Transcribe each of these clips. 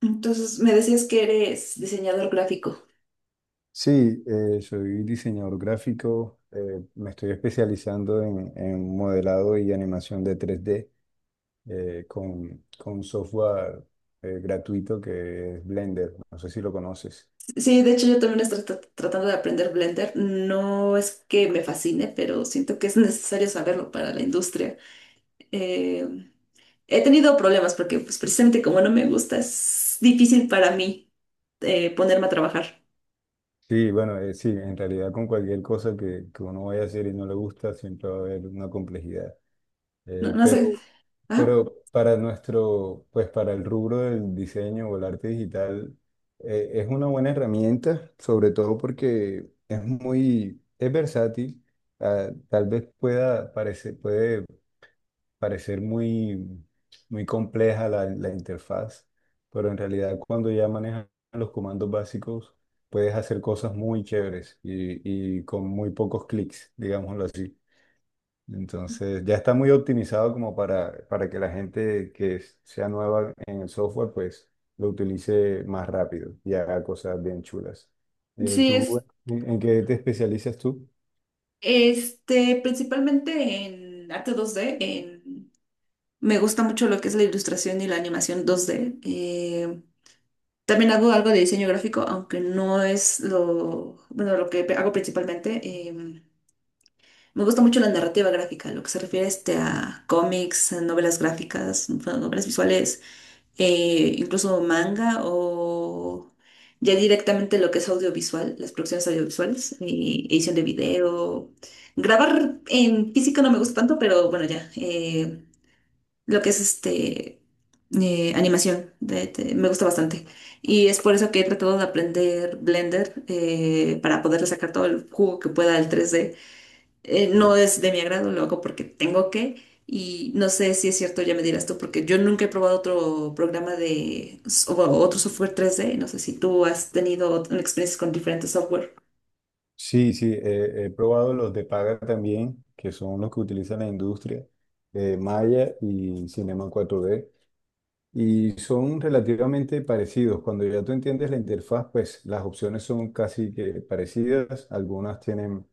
Entonces, me decías que eres diseñador gráfico. Sí, soy diseñador gráfico, me estoy especializando en modelado y animación de 3D con software gratuito que es Blender, no sé si lo conoces. Sí, de hecho yo también estoy tratando de aprender Blender. No es que me fascine, pero siento que es necesario saberlo para la industria. Eh, he tenido problemas porque pues, precisamente como no me gusta, es difícil para mí ponerme a trabajar. Sí, bueno, sí, en realidad con cualquier cosa que uno vaya a hacer y no le gusta, siempre va a haber una complejidad. No, Eh, no sé. pero, Ajá. pero para nuestro, pues para el rubro del diseño o el arte digital, es una buena herramienta, sobre todo porque es muy, es versátil. Ah, tal vez puede parecer muy, muy compleja la interfaz, pero en realidad cuando ya manejas los comandos básicos puedes hacer cosas muy chéveres y con muy pocos clics, digámoslo así. Entonces ya está muy optimizado como para que la gente que sea nueva en el software pues lo utilice más rápido y haga cosas bien chulas. Sí, ¿Tú es en qué te especializas tú? este, principalmente en arte 2D, me gusta mucho lo que es la ilustración y la animación 2D. También hago algo de diseño gráfico, aunque no es lo, bueno, lo que hago principalmente. em, Me gusta mucho la narrativa gráfica, lo que se refiere este, a cómics, a novelas gráficas, bueno, novelas visuales, incluso manga o ya directamente lo que es audiovisual, las producciones audiovisuales, edición de video. Grabar en físico no me gusta tanto, pero bueno, ya. Lo que es este animación. Me gusta bastante. Y es por eso que he tratado de aprender Blender para poderle sacar todo el jugo que pueda al tres d. No es de mi agrado, lo hago porque tengo que. Y no sé si es cierto, ya me dirás tú, porque yo nunca he probado otro programa de o otro software tres d. No sé si tú has tenido experiencias con diferentes software. Sí, sí, he probado los de paga también, que son los que utiliza la industria, Maya y Cinema 4D y son relativamente parecidos. Cuando ya tú entiendes la interfaz, pues las opciones son casi que parecidas. Algunas tienen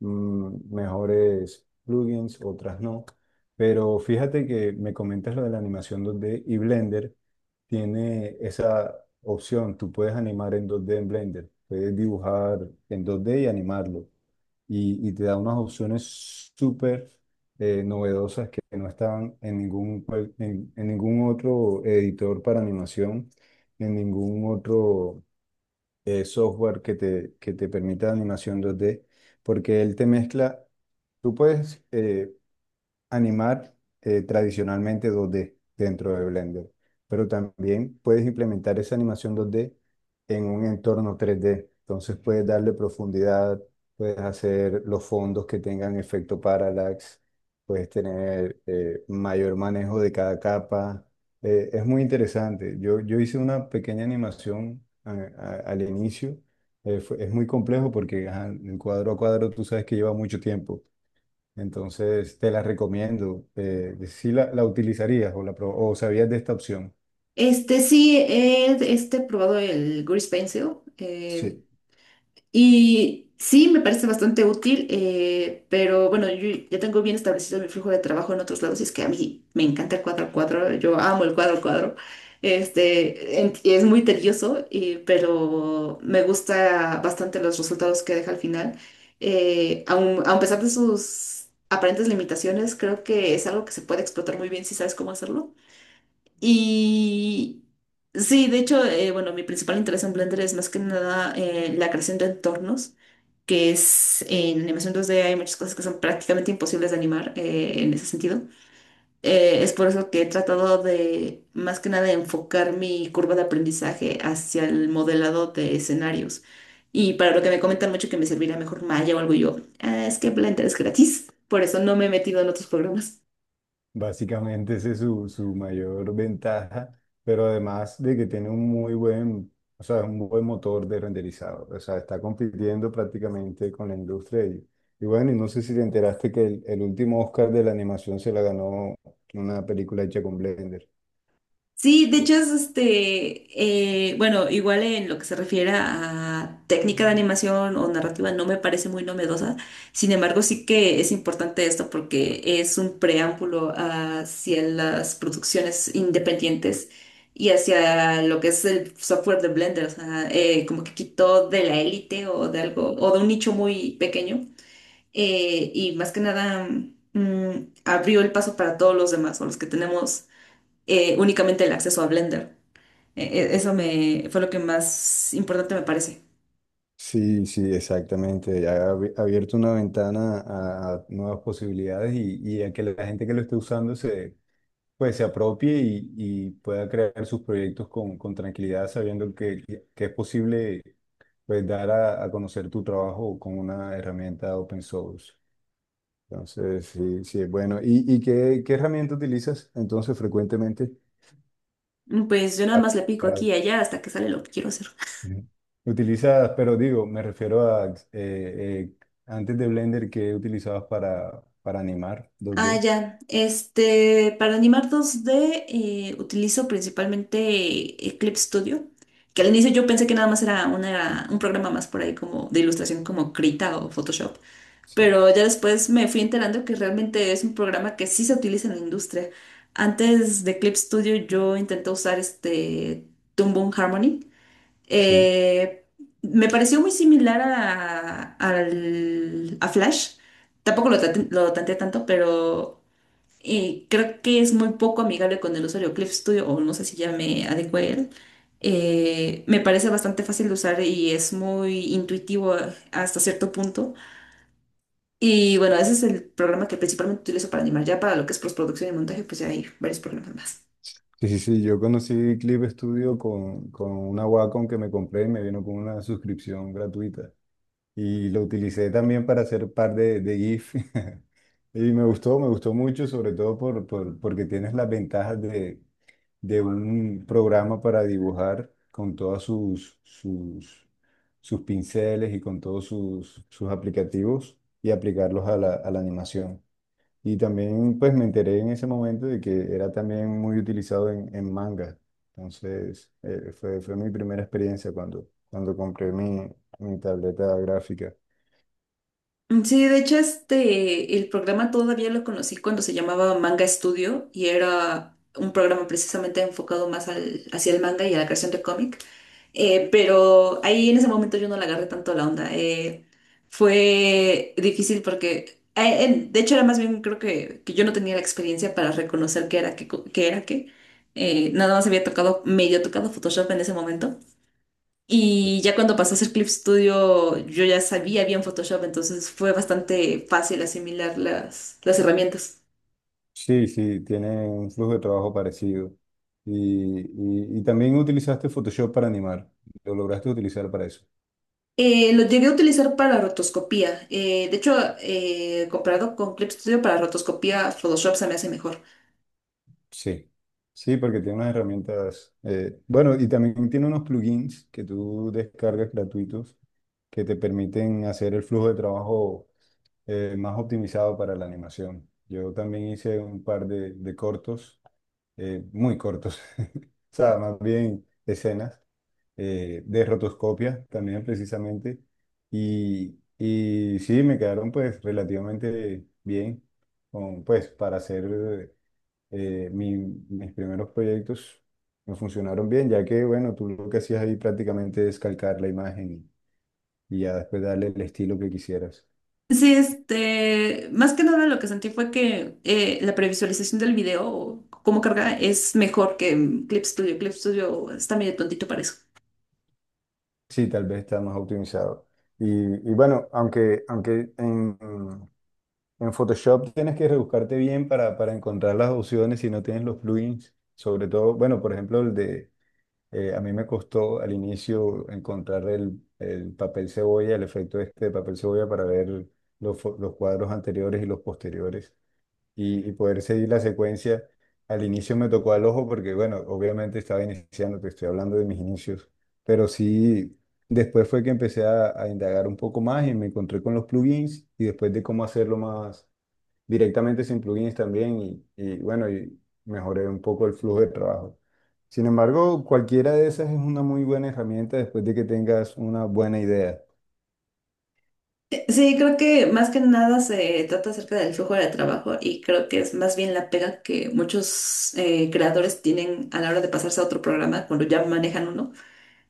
mejores plugins, otras no. Pero fíjate que me comentas lo de la animación 2D y Blender tiene esa opción. Tú puedes animar en 2D en Blender, puedes dibujar en 2D y animarlo y te da unas opciones súper novedosas que no estaban en ningún otro editor para animación, en ningún otro software que te permita animación 2D, porque él te mezcla, tú puedes animar tradicionalmente 2D dentro de Blender, pero también puedes implementar esa animación 2D en un entorno 3D. Entonces puedes darle profundidad, puedes hacer los fondos que tengan efecto parallax, puedes tener mayor manejo de cada capa. Es muy interesante. Yo hice una pequeña animación al inicio. Es muy complejo porque ajá, el cuadro a cuadro tú sabes que lleva mucho tiempo, entonces te la recomiendo. Si la utilizarías o sabías de esta opción. Este sí, probado el Grease Pencil. Eh, Sí. Y sí, me parece bastante útil, pero bueno, yo ya tengo bien establecido mi flujo de trabajo en otros lados y es que a mí me encanta el cuadro al cuadro, yo amo el cuadro al cuadro. Este, es muy tedioso, pero me gusta bastante los resultados que deja al final. A pesar de sus aparentes limitaciones, creo que es algo que se puede explotar muy bien si sabes cómo hacerlo. Y sí, de hecho, bueno, mi principal interés en Blender es más que nada la creación de entornos, que es en animación 2D hay muchas cosas que son prácticamente imposibles de animar en ese sentido. Es por eso que he tratado de, más que nada, enfocar mi curva de aprendizaje hacia el modelado de escenarios. Y para lo que me comentan mucho que me servirá mejor Maya o algo yo, "Ah, es que Blender es gratis, por eso no me he metido en otros programas". Básicamente esa es su mayor ventaja, pero además de que tiene o sea, un buen motor de renderizado. O sea, está compitiendo prácticamente con la industria. Y bueno, y no sé si te enteraste que el último Oscar de la animación se la ganó una película hecha con Blender. Sí, de hecho es este, bueno, igual en lo que se refiere a técnica de animación o narrativa no me parece muy novedosa, sin embargo sí que es importante esto porque es un preámbulo hacia las producciones independientes y hacia lo que es el software de Blender, o sea, como que quitó de la élite o de algo, o de un nicho muy pequeño y más que nada abrió el paso para todos los demás o los que tenemos únicamente el acceso a Blender. Eso me fue lo que más importante me parece. Sí, sí, exactamente. Ha abierto una ventana a nuevas posibilidades y a que la gente que lo esté usando pues, se apropie y pueda crear sus proyectos con tranquilidad, sabiendo que es posible, pues, dar a conocer tu trabajo con una herramienta open source. Entonces, sí, sí, es bueno. ¿Y qué herramienta utilizas entonces frecuentemente? Pues yo nada Para más le pico para aquí y allá hasta que sale lo que quiero hacer. Ujú. Utilizas, pero digo, me refiero a antes de Blender que utilizabas para animar dos Ah, d ya. Este, para animar dos d utilizo principalmente Eclipse Studio, que al inicio yo pensé que nada más era un programa más por ahí como de ilustración como Krita o Photoshop, Sí. pero ya después me fui enterando que realmente es un programa que sí se utiliza en la industria. Antes de Eclipse Studio yo intenté usar este Toon Boom Harmony. Sí. Eh, Me pareció muy similar a, a Flash. Tampoco lo, lo tanteé tanto, pero creo que es muy poco amigable con el usuario Clip Studio, o no sé si ya me adecué a él. Me parece bastante fácil de usar y es muy intuitivo hasta cierto punto. Y bueno, ese es el programa que principalmente utilizo para animar. Ya para lo que es postproducción y montaje, pues ya hay varios programas más. Sí, sí, sí. Yo conocí Clip Studio con una Wacom que me compré y me vino con una suscripción gratuita. Y lo utilicé también para hacer par de GIF. Y me gustó mucho, sobre todo porque tienes las ventajas de un programa para dibujar con todas sus pinceles y con todos sus aplicativos y aplicarlos a la animación. Y también pues me enteré en ese momento de que era también muy utilizado en manga. Entonces fue mi primera experiencia cuando compré mi tableta gráfica. Sí, de hecho, este, el programa todavía lo conocí cuando se llamaba Manga Studio y era un programa precisamente enfocado más al, hacia el manga y a la creación de cómic. Pero ahí en ese momento yo no le agarré tanto la onda. Fue difícil porque, de hecho, era más bien creo que yo no tenía la experiencia para reconocer qué era qué, qué era qué. Nada más había tocado, medio tocado Photoshop en ese momento. Y ya cuando pasó a hacer Clip Studio, yo ya sabía bien Photoshop, entonces fue bastante fácil asimilar las herramientas. Sí, sí, tiene un flujo de trabajo parecido. Y también utilizaste Photoshop para animar. Lo lograste utilizar para eso. Lo llegué a utilizar para rotoscopía. De hecho, comparado con Clip Studio para rotoscopía, Photoshop se me hace mejor. Sí, sí, porque tiene unas herramientas. Bueno, y también tiene unos plugins que tú descargas gratuitos que te permiten hacer el flujo de trabajo más optimizado para la animación. Yo también hice un par de cortos, muy cortos, o sea, más bien escenas de rotoscopia también precisamente. Y sí, me quedaron pues relativamente bien, pues para hacer eh, mi- mis primeros proyectos me funcionaron bien, ya que, bueno, tú lo que hacías ahí prácticamente es calcar la imagen y ya después darle el estilo que quisieras. Sí, este, más que nada lo que sentí fue que la previsualización del video, o cómo carga, es mejor que Clip Studio. Clip Studio está medio tontito para eso. Sí, tal vez está más optimizado. Y, y bueno, aunque en Photoshop tienes que rebuscarte bien para encontrar las opciones si no tienes los plugins, sobre todo, bueno, por ejemplo, el de. A mí me costó al inicio encontrar el papel cebolla, el efecto este de este papel cebolla para ver los cuadros anteriores y los posteriores y poder seguir la secuencia. Al inicio me tocó al ojo porque, bueno, obviamente estaba iniciando, te estoy hablando de mis inicios, pero sí, después fue que empecé a indagar un poco más y me encontré con los plugins y después de cómo hacerlo más directamente sin plugins también bueno, y mejoré un poco el flujo de trabajo. Sin embargo, cualquiera de esas es una muy buena herramienta después de que tengas una buena idea. Sí, creo que más que nada se trata acerca del flujo de trabajo y creo que es más bien la pega que muchos creadores tienen a la hora de pasarse a otro programa cuando ya manejan uno,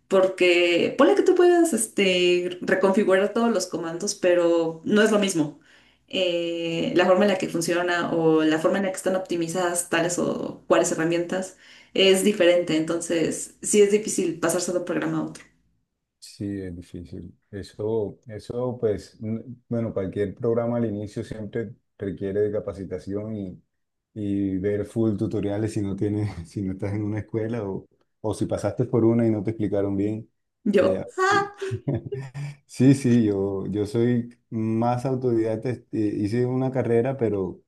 porque ponle que tú puedas este, reconfigurar todos los comandos, pero no es lo mismo. La forma en la que funciona o la forma en la que están optimizadas tales o cuáles herramientas es diferente, entonces sí es difícil pasarse de un programa a otro. Sí, es difícil. Eso, pues, bueno, cualquier programa al inicio siempre requiere de capacitación y ver full tutoriales si no tienes, si no estás en una escuela o si pasaste por una y no te explicaron bien. Yo. Eh, Sí, sí, yo soy más autodidacta, este, hice una carrera, pero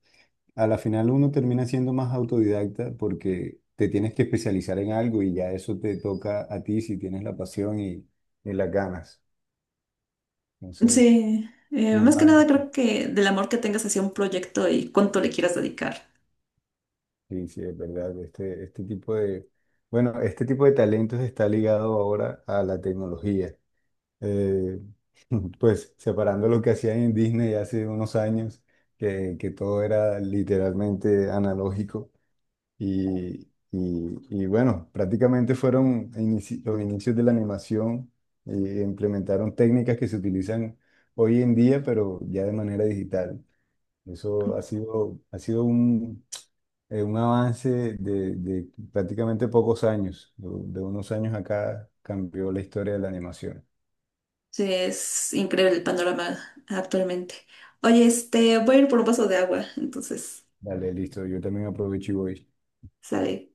a la final uno termina siendo más autodidacta porque te tienes que especializar en algo y ya eso te toca a ti si tienes la pasión y las ganas. Entonces, Sí, más que nada normalmente, creo que del amor que tengas hacia un proyecto y cuánto le quieras dedicar. sí, sí, es verdad, bueno, este tipo de talentos está ligado ahora a la tecnología. eh, pues separando lo que hacían en Disney hace unos años, que todo era literalmente analógico y bueno, prácticamente los inicios de la animación y implementaron técnicas que se utilizan hoy en día, pero ya de manera digital. Eso ha sido un avance de prácticamente pocos años. De unos años acá cambió la historia de la animación. Sí, es increíble el panorama actualmente. Oye, este, voy a ir por un vaso de agua, entonces, Dale, listo. Yo también aprovecho y voy. sale.